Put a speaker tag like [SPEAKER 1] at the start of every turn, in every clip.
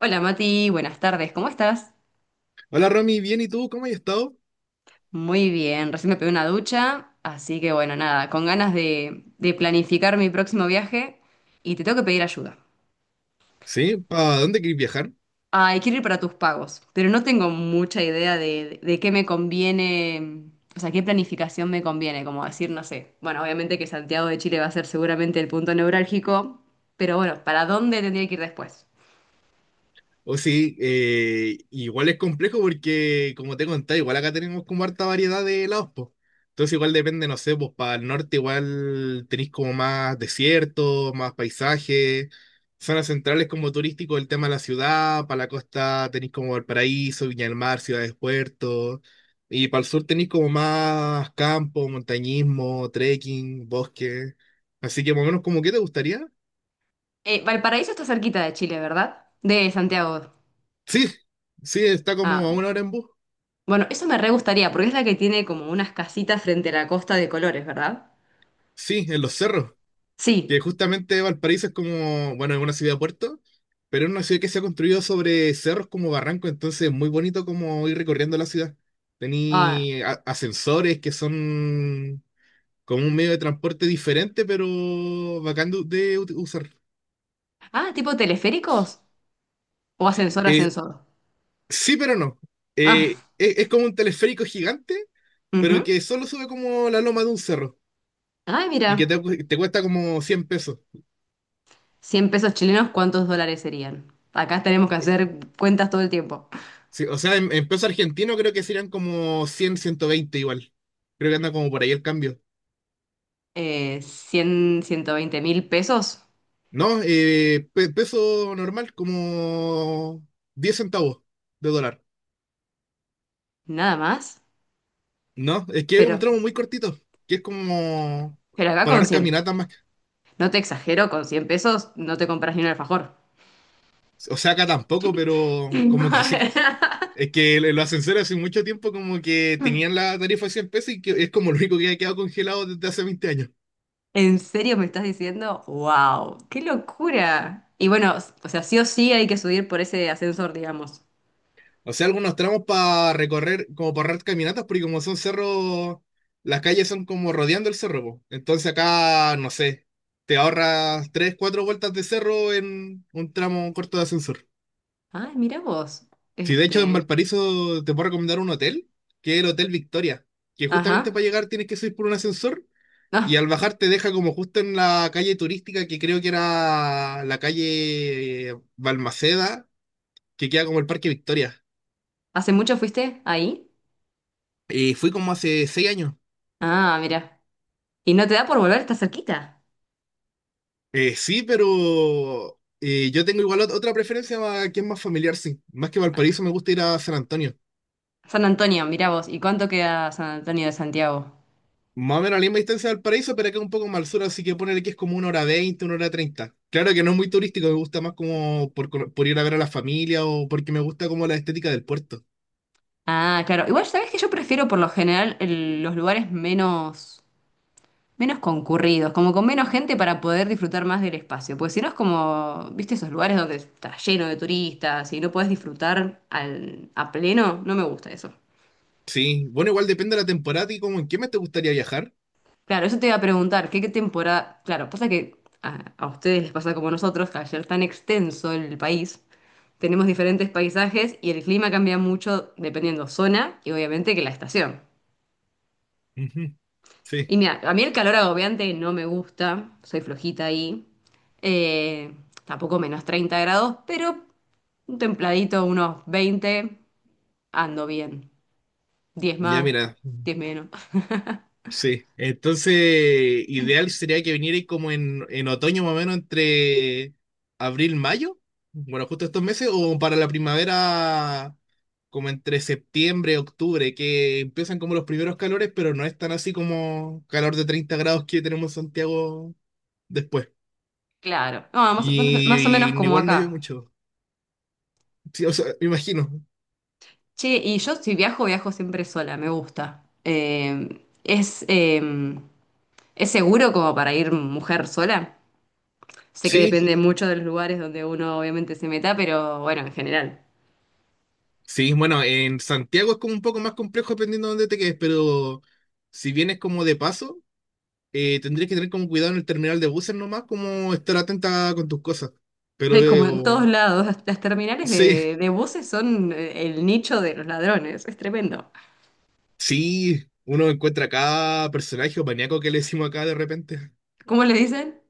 [SPEAKER 1] Hola Mati, buenas tardes, ¿cómo estás?
[SPEAKER 2] Hola Romy, bien, ¿y tú? ¿Cómo has estado?
[SPEAKER 1] Muy bien, recién me pegué una ducha, así que bueno, nada, con ganas de planificar mi próximo viaje y te tengo que pedir ayuda.
[SPEAKER 2] ¿Sí? ¿Para dónde querés viajar?
[SPEAKER 1] Ay, quiero ir para tus pagos, pero no tengo mucha idea de qué me conviene, o sea, qué planificación me conviene, como decir, no sé. Bueno, obviamente que Santiago de Chile va a ser seguramente el punto neurálgico, pero bueno, ¿para dónde tendría que ir después?
[SPEAKER 2] O sí, igual es complejo porque, como te contaba, igual acá tenemos como harta variedad de lados, pues. Entonces igual depende, no sé, pues para el norte igual tenéis como más desierto, más paisaje, zonas centrales como turístico, el tema de la ciudad, para la costa tenéis como Valparaíso, Viña del Mar, ciudades, puertos, y para el sur tenéis como más campo, montañismo, trekking, bosque. Así que más o menos como qué te gustaría.
[SPEAKER 1] Valparaíso está cerquita de Chile, ¿verdad? De Santiago.
[SPEAKER 2] Sí, sí, está
[SPEAKER 1] Ah.
[SPEAKER 2] como a una hora en bus.
[SPEAKER 1] Bueno, eso me re gustaría, porque es la que tiene como unas casitas frente a la costa de colores, ¿verdad?
[SPEAKER 2] Sí, en los cerros. Que
[SPEAKER 1] Sí.
[SPEAKER 2] justamente Valparaíso es como, bueno, es una ciudad puerto, pero es una ciudad que se ha construido sobre cerros como barranco, entonces es muy bonito como ir recorriendo la ciudad.
[SPEAKER 1] Ah,
[SPEAKER 2] Ascensores que son como un medio de transporte diferente, pero bacán de usar.
[SPEAKER 1] ah, ¿tipo teleféricos? ¿O ascensor,
[SPEAKER 2] Eh,
[SPEAKER 1] ascensor?
[SPEAKER 2] sí, pero no. Eh,
[SPEAKER 1] Ah,
[SPEAKER 2] es, es como un teleférico gigante, pero
[SPEAKER 1] ujú.
[SPEAKER 2] que solo sube como la loma de un cerro
[SPEAKER 1] Ay,
[SPEAKER 2] y que
[SPEAKER 1] mira,
[SPEAKER 2] te cuesta como 100 pesos.
[SPEAKER 1] 100 pesos chilenos, ¿cuántos dólares serían? Acá tenemos que hacer cuentas todo el tiempo.
[SPEAKER 2] Sí, o sea, en peso argentino creo que serían como cien ciento veinte igual. Creo que anda como por ahí el cambio.
[SPEAKER 1] 100, 120.000 pesos,
[SPEAKER 2] No, peso normal, como 10 centavos de dólar.
[SPEAKER 1] nada más.
[SPEAKER 2] No, es que es
[SPEAKER 1] Pero,
[SPEAKER 2] un tramo muy cortito, que es como
[SPEAKER 1] pero acá
[SPEAKER 2] para
[SPEAKER 1] con
[SPEAKER 2] dar
[SPEAKER 1] 100,
[SPEAKER 2] caminatas más.
[SPEAKER 1] no te exagero, con 100 pesos no te compras ni un alfajor.
[SPEAKER 2] O sea, acá tampoco, pero como que sí. Es que el ascensor hace mucho tiempo como que tenían la tarifa de 100 pesos y que es como lo único que ha quedado congelado desde hace 20 años.
[SPEAKER 1] ¿En serio me estás diciendo? ¡Wow! ¡Qué locura! Y bueno, o sea, sí o sí hay que subir por ese ascensor, digamos.
[SPEAKER 2] O sea, algunos tramos para recorrer, como para hacer caminatas, porque como son cerros, las calles son como rodeando el cerro, po. Entonces acá, no sé, te ahorras tres, cuatro vueltas de cerro en un tramo corto de ascensor.
[SPEAKER 1] Ay, mira vos.
[SPEAKER 2] Si de hecho en
[SPEAKER 1] Este.
[SPEAKER 2] Valparaíso te puedo recomendar un hotel, que es el Hotel Victoria, que
[SPEAKER 1] Ajá.
[SPEAKER 2] justamente para llegar tienes que subir por un ascensor
[SPEAKER 1] Ah,
[SPEAKER 2] y al bajar te deja como justo en la calle turística que creo que era la calle Balmaceda, que queda como el Parque Victoria.
[SPEAKER 1] ¿hace mucho fuiste ahí?
[SPEAKER 2] Y fui como hace seis años.
[SPEAKER 1] Ah, mira. ¿Y no te da por volver? Está cerquita.
[SPEAKER 2] Sí, pero yo tengo igual otra preferencia más- que es más familiar, sí. Más que Valparaíso, me gusta ir a San Antonio.
[SPEAKER 1] San Antonio, mira vos. ¿Y cuánto queda San Antonio de Santiago?
[SPEAKER 2] Más o menos a la misma distancia de Valparaíso, pero acá un poco más al sur, así que ponerle que es como una hora veinte, una hora treinta. Claro que no es muy turístico, me gusta más como por, por ir a ver a la familia o porque me gusta como la estética del puerto.
[SPEAKER 1] Ah, claro. Igual, ¿sabés que yo prefiero por lo general los lugares menos. Menos concurridos, como con menos gente para poder disfrutar más del espacio. Porque si no es como, viste, esos lugares donde está lleno de turistas y no podés disfrutar a pleno, no me gusta eso.
[SPEAKER 2] Sí, bueno, igual depende de la temporada y como en qué mes te gustaría viajar.
[SPEAKER 1] Claro, eso te iba a preguntar, ¿qué temporada? Claro, pasa que a ustedes les pasa como a nosotros, que al ser tan extenso el país, tenemos diferentes paisajes y el clima cambia mucho dependiendo zona y obviamente que la estación.
[SPEAKER 2] Ujú.
[SPEAKER 1] Y
[SPEAKER 2] Sí,
[SPEAKER 1] mira, a mí el calor agobiante no me gusta, soy flojita ahí. Eh, tampoco menos 30 grados, pero un templadito, unos 20 ando bien. Diez
[SPEAKER 2] ya
[SPEAKER 1] más,
[SPEAKER 2] mira.
[SPEAKER 1] 10 menos.
[SPEAKER 2] Sí, entonces ideal sería que viniera como en otoño más o menos entre abril, mayo, bueno, justo estos meses, o para la primavera como entre septiembre, octubre, que empiezan como los primeros calores, pero no es tan así como calor de 30 grados que tenemos en Santiago después.
[SPEAKER 1] Claro. No, más, más o
[SPEAKER 2] Y,
[SPEAKER 1] menos
[SPEAKER 2] y
[SPEAKER 1] como
[SPEAKER 2] igual no llueve
[SPEAKER 1] acá.
[SPEAKER 2] mucho, sí, o sea, me imagino.
[SPEAKER 1] Che, y yo si viajo, viajo siempre sola, me gusta. ¿Es seguro como para ir mujer sola? Sé que
[SPEAKER 2] Sí,
[SPEAKER 1] depende mucho de los lugares donde uno obviamente se meta, pero bueno, en general.
[SPEAKER 2] sí, bueno, en Santiago es como un poco más complejo dependiendo de dónde te quedes, pero si vienes como de paso tendrías que tener como cuidado en el terminal de buses nomás, como estar atenta con tus cosas. Pero
[SPEAKER 1] Es como en todos lados. Las terminales
[SPEAKER 2] sí,
[SPEAKER 1] de buses son el nicho de los ladrones. Es tremendo.
[SPEAKER 2] sí, uno encuentra cada personaje o maníaco que le decimos acá de repente.
[SPEAKER 1] ¿Cómo le dicen?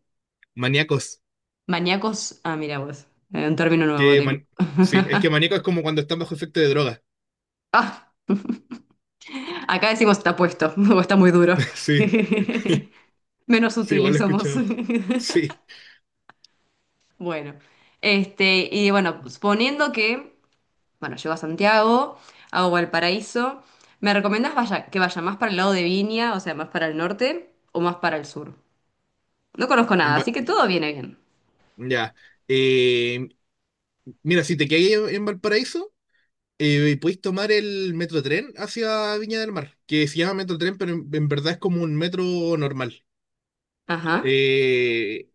[SPEAKER 2] Maníacos,
[SPEAKER 1] Maníacos. Ah, mira vos. Un término nuevo
[SPEAKER 2] que
[SPEAKER 1] tengo.
[SPEAKER 2] man- sí, es que maníaco es como cuando están bajo efecto de droga.
[SPEAKER 1] Ah, acá decimos está puesto o está muy duro.
[SPEAKER 2] Sí,
[SPEAKER 1] Menos
[SPEAKER 2] sí, igual
[SPEAKER 1] sutiles
[SPEAKER 2] lo he
[SPEAKER 1] somos.
[SPEAKER 2] escuchado. Sí,
[SPEAKER 1] Bueno, este, y bueno, bueno, llego a Santiago, hago Valparaíso, ¿me recomiendas que vaya más para el lado de Viña, o sea, más para el norte o más para el sur? No conozco
[SPEAKER 2] en
[SPEAKER 1] nada,
[SPEAKER 2] Va-
[SPEAKER 1] así que todo viene bien.
[SPEAKER 2] ya. Eh, Mira, si te quedas en Valparaíso, podéis tomar el metro tren hacia Viña del Mar, que se llama metro tren, pero en verdad es como un metro normal.
[SPEAKER 1] Ajá.
[SPEAKER 2] Eh,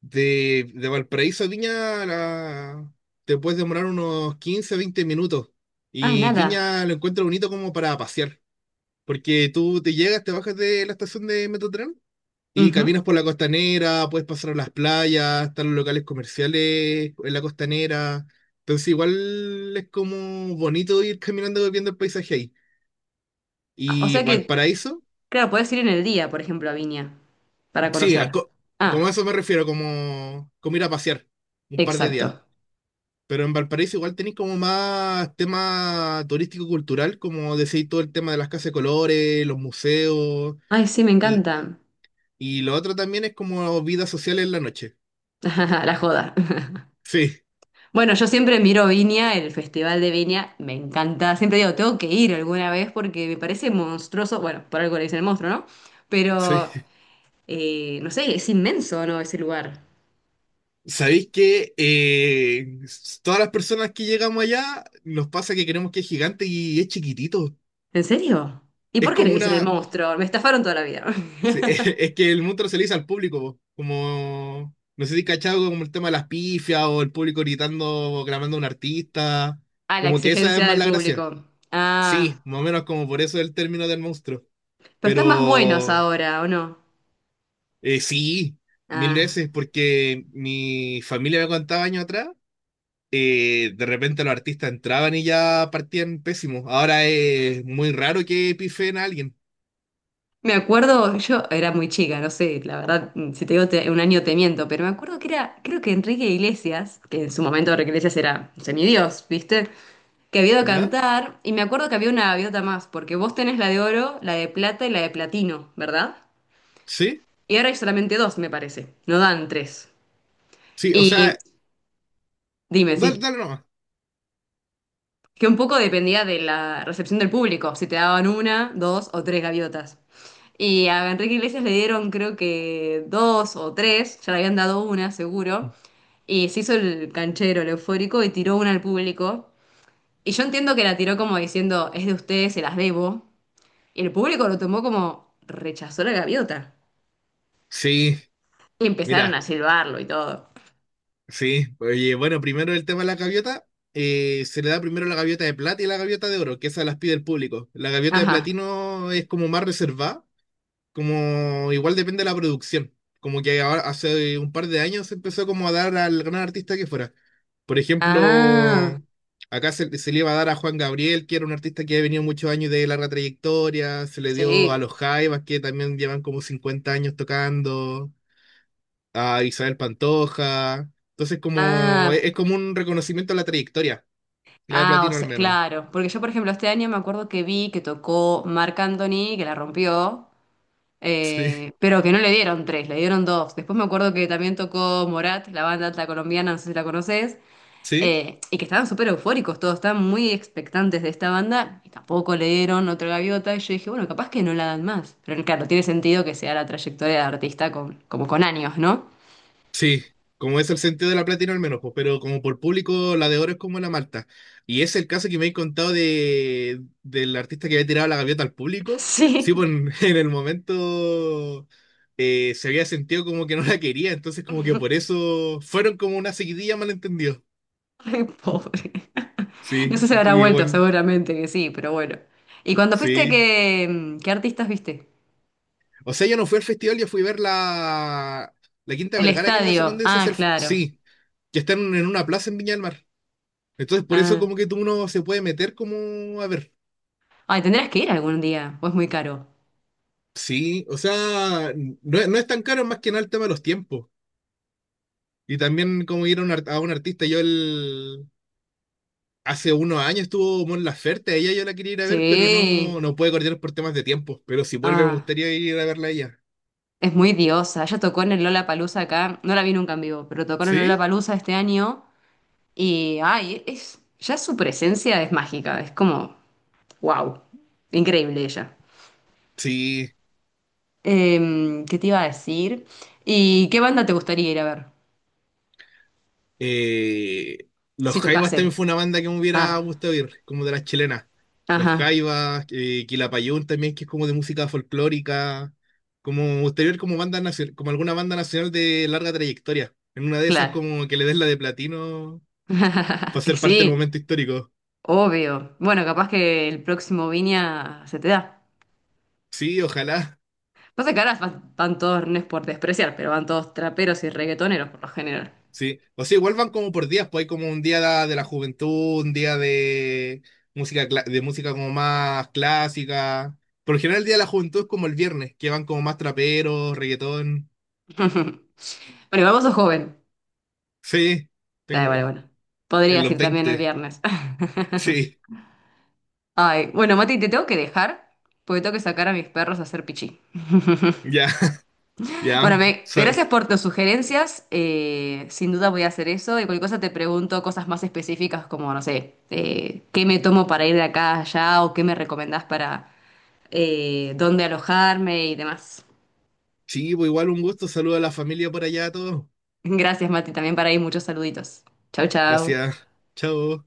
[SPEAKER 2] de Valparaíso a Viña te puedes demorar unos 15 20 minutos.
[SPEAKER 1] Ah,
[SPEAKER 2] Y
[SPEAKER 1] nada.
[SPEAKER 2] Viña lo encuentro bonito como para pasear. Porque tú te llegas, te bajas de la estación de Metrotren y
[SPEAKER 1] Ujú.
[SPEAKER 2] caminas por la costanera, puedes pasar a las playas, están los locales comerciales en la costanera. Entonces igual es como bonito ir caminando viendo el paisaje ahí.
[SPEAKER 1] Ah, o
[SPEAKER 2] Y
[SPEAKER 1] sea que,
[SPEAKER 2] Valparaíso,
[SPEAKER 1] claro, puedes ir en el día, por ejemplo, a Viña para
[SPEAKER 2] sí,
[SPEAKER 1] conocer.
[SPEAKER 2] como a
[SPEAKER 1] Ah,
[SPEAKER 2] eso me refiero, como ir a pasear un par de días.
[SPEAKER 1] exacto.
[SPEAKER 2] Pero en Valparaíso igual tenéis como más tema turístico-cultural, como decís todo el tema de las casas de colores, los museos,
[SPEAKER 1] Ay, sí, me
[SPEAKER 2] y,
[SPEAKER 1] encanta.
[SPEAKER 2] y lo otro también es como vida social en la noche.
[SPEAKER 1] La joda.
[SPEAKER 2] Sí,
[SPEAKER 1] Bueno, yo siempre miro Viña, el Festival de Viña, me encanta. Siempre digo, tengo que ir alguna vez porque me parece monstruoso. Bueno, por algo le dicen el monstruo, ¿no? Pero,
[SPEAKER 2] sí.
[SPEAKER 1] no sé, es inmenso, ¿no? Ese lugar.
[SPEAKER 2] Sabéis que todas las personas que llegamos allá nos pasa que creemos que es gigante y es chiquitito.
[SPEAKER 1] ¿En serio? ¿Y
[SPEAKER 2] Es
[SPEAKER 1] por qué le
[SPEAKER 2] como
[SPEAKER 1] dicen el
[SPEAKER 2] una,
[SPEAKER 1] monstruo? Me estafaron toda la vida.
[SPEAKER 2] Sí, es que el monstruo se le hizo al público, po. Como, no sé si cachado como el tema de las pifias o el público gritando, o clamando a un artista,
[SPEAKER 1] A la
[SPEAKER 2] como que esa es
[SPEAKER 1] exigencia
[SPEAKER 2] más
[SPEAKER 1] del
[SPEAKER 2] la gracia.
[SPEAKER 1] público.
[SPEAKER 2] Sí,
[SPEAKER 1] Ah,
[SPEAKER 2] más o menos como por eso el término del monstruo,
[SPEAKER 1] pero están más buenos
[SPEAKER 2] pero
[SPEAKER 1] ahora, ¿o no?
[SPEAKER 2] sí, mil
[SPEAKER 1] Ah.
[SPEAKER 2] veces, porque mi familia me contaba años atrás, de repente los artistas entraban y ya partían pésimos. Ahora es muy raro que pifen a alguien,
[SPEAKER 1] Me acuerdo, yo era muy chica, no sé, la verdad, si te digo un año te miento, pero me acuerdo que era, creo que Enrique Iglesias, que en su momento Enrique Iglesias era semidios, ¿viste? Que había ido a
[SPEAKER 2] ¿ya?
[SPEAKER 1] cantar, y me acuerdo que había una gaviota más, porque vos tenés la de oro, la de plata y la de platino, ¿verdad?
[SPEAKER 2] Sí,
[SPEAKER 1] Y ahora hay solamente dos, me parece, no dan tres.
[SPEAKER 2] sí, o
[SPEAKER 1] Y
[SPEAKER 2] sea,
[SPEAKER 1] dime,
[SPEAKER 2] dale,
[SPEAKER 1] sí.
[SPEAKER 2] dale nomás.
[SPEAKER 1] Que un poco dependía de la recepción del público, si te daban una, dos o tres gaviotas. Y a Enrique Iglesias le dieron creo que dos o tres, ya le habían dado una seguro, y se hizo el canchero, el eufórico, y tiró una al público. Y yo entiendo que la tiró como diciendo, es de ustedes, se las debo. Y el público lo tomó como, rechazó la gaviota.
[SPEAKER 2] Sí,
[SPEAKER 1] Y empezaron
[SPEAKER 2] mira.
[SPEAKER 1] a silbarlo y todo.
[SPEAKER 2] Sí, oye, bueno, primero el tema de la gaviota. Se le da primero la gaviota de plata y la gaviota de oro, que esas las pide el público. La gaviota de
[SPEAKER 1] Ajá.
[SPEAKER 2] platino es como más reservada, como igual depende de la producción. Como que ahora, hace un par de años se empezó como a dar al gran artista que fuera. Por
[SPEAKER 1] Ah,
[SPEAKER 2] ejemplo, acá se le iba a dar a Juan Gabriel, que era un artista que ha venido muchos años de larga trayectoria, se le dio a
[SPEAKER 1] sí.
[SPEAKER 2] los Jaivas, que también llevan como 50 años tocando a Isabel Pantoja. Entonces, como
[SPEAKER 1] Ah,
[SPEAKER 2] es como un reconocimiento a la trayectoria, la de
[SPEAKER 1] ah, o
[SPEAKER 2] Platino al
[SPEAKER 1] sea,
[SPEAKER 2] menos.
[SPEAKER 1] claro, porque yo, por ejemplo, este año me acuerdo que vi que tocó Marc Anthony, que la rompió,
[SPEAKER 2] Sí,
[SPEAKER 1] pero que no le dieron tres, le dieron dos. Después me acuerdo que también tocó Morat, la banda alta colombiana, no sé si la conoces,
[SPEAKER 2] sí.
[SPEAKER 1] y que estaban súper eufóricos todos, estaban muy expectantes de esta banda, y tampoco le dieron otra gaviota, y yo dije, bueno, capaz que no la dan más. Pero claro, no tiene sentido que sea la trayectoria de artista con, como con años, ¿no?
[SPEAKER 2] Sí, como es el sentido de la Platino al menos, pues, pero como por público, la de oro es como la Malta. Y es el caso que me he contado de, del artista que había tirado la gaviota al público. Sí,
[SPEAKER 1] Sí.
[SPEAKER 2] pues en, en el momento se había sentido como que no la quería, entonces como que por eso fueron como una seguidilla malentendido.
[SPEAKER 1] Ay, pobre. No
[SPEAKER 2] Sí,
[SPEAKER 1] sé si habrá vuelto,
[SPEAKER 2] igual,
[SPEAKER 1] seguramente que sí, pero bueno. ¿Y cuando fuiste,
[SPEAKER 2] sí.
[SPEAKER 1] qué, qué artistas viste?
[SPEAKER 2] O sea, yo no fui al festival, yo fui a ver la Quinta
[SPEAKER 1] El
[SPEAKER 2] Vergara, que es la zona
[SPEAKER 1] estadio.
[SPEAKER 2] donde se
[SPEAKER 1] Ah,
[SPEAKER 2] hace
[SPEAKER 1] claro.
[SPEAKER 2] Sí, que están en una plaza en Viña del Mar. Entonces, por eso
[SPEAKER 1] Ah.
[SPEAKER 2] como que tú uno se puede meter como, a ver,
[SPEAKER 1] Ay, tendrás que ir algún día, o es muy caro.
[SPEAKER 2] sí, o sea, no, es no es tan caro más que nada el tema de los tiempos. Y también como ir a un artista, Hace unos años estuvo Mon Laferte, a ella yo la quería ir a ver, pero no,
[SPEAKER 1] Sí.
[SPEAKER 2] no puede coordinar por temas de tiempo. Pero si vuelve me
[SPEAKER 1] Ah,
[SPEAKER 2] gustaría ir a verla a ella.
[SPEAKER 1] es muy diosa. Ella tocó en el Lollapalooza acá. No la vi nunca en vivo, pero tocó en el
[SPEAKER 2] ¿Sí?
[SPEAKER 1] Lollapalooza este año. Y, ay, es, ya su presencia es mágica. Es como, wow. Increíble ella.
[SPEAKER 2] Sí,
[SPEAKER 1] ¿Qué te iba a decir? ¿Y qué banda te gustaría ir a ver?
[SPEAKER 2] Eh, los
[SPEAKER 1] Si
[SPEAKER 2] Jaivas
[SPEAKER 1] tocasen.
[SPEAKER 2] también fue una banda que me
[SPEAKER 1] Ah,
[SPEAKER 2] hubiera gustado ir, como de las chilenas. Los
[SPEAKER 1] ajá,
[SPEAKER 2] Jaivas, Quilapayún también, que es como de música folclórica. Como me gustaría ir como banda como alguna banda nacional de larga trayectoria. En una de esas
[SPEAKER 1] claro.
[SPEAKER 2] como que le des la de platino para ser parte del
[SPEAKER 1] Sí,
[SPEAKER 2] momento histórico.
[SPEAKER 1] obvio. Bueno, capaz que el próximo Viña se te da.
[SPEAKER 2] Sí, ojalá.
[SPEAKER 1] No sé, caras van, van todos, no es por despreciar, pero van todos traperos y reggaetoneros por lo general.
[SPEAKER 2] Sí, o sea, igual van como por días, pues hay como un día de la juventud, un día de música, de música como más clásica. Por lo general el día de la juventud es como el viernes, que van como más traperos, reggaetón.
[SPEAKER 1] Bueno, igual vos sos joven.
[SPEAKER 2] Sí,
[SPEAKER 1] Ah,
[SPEAKER 2] tengo
[SPEAKER 1] vale, bueno.
[SPEAKER 2] en
[SPEAKER 1] Podrías
[SPEAKER 2] los
[SPEAKER 1] ir también el
[SPEAKER 2] 20.
[SPEAKER 1] viernes.
[SPEAKER 2] Sí,
[SPEAKER 1] Ay, bueno, Mati, te tengo que dejar porque tengo que sacar a mis perros a hacer pichí.
[SPEAKER 2] ya,
[SPEAKER 1] Bueno,
[SPEAKER 2] ya.
[SPEAKER 1] gracias por tus sugerencias. Sin duda voy a hacer eso. Y cualquier cosa te pregunto cosas más específicas como, no sé, qué me tomo para ir de acá a allá o qué me recomendás para dónde alojarme y demás.
[SPEAKER 2] Sí, pues igual un gusto, saludo a la familia por allá a todos.
[SPEAKER 1] Gracias, Mati, también para ahí muchos saluditos. Chau, chau.
[SPEAKER 2] Gracias, chao.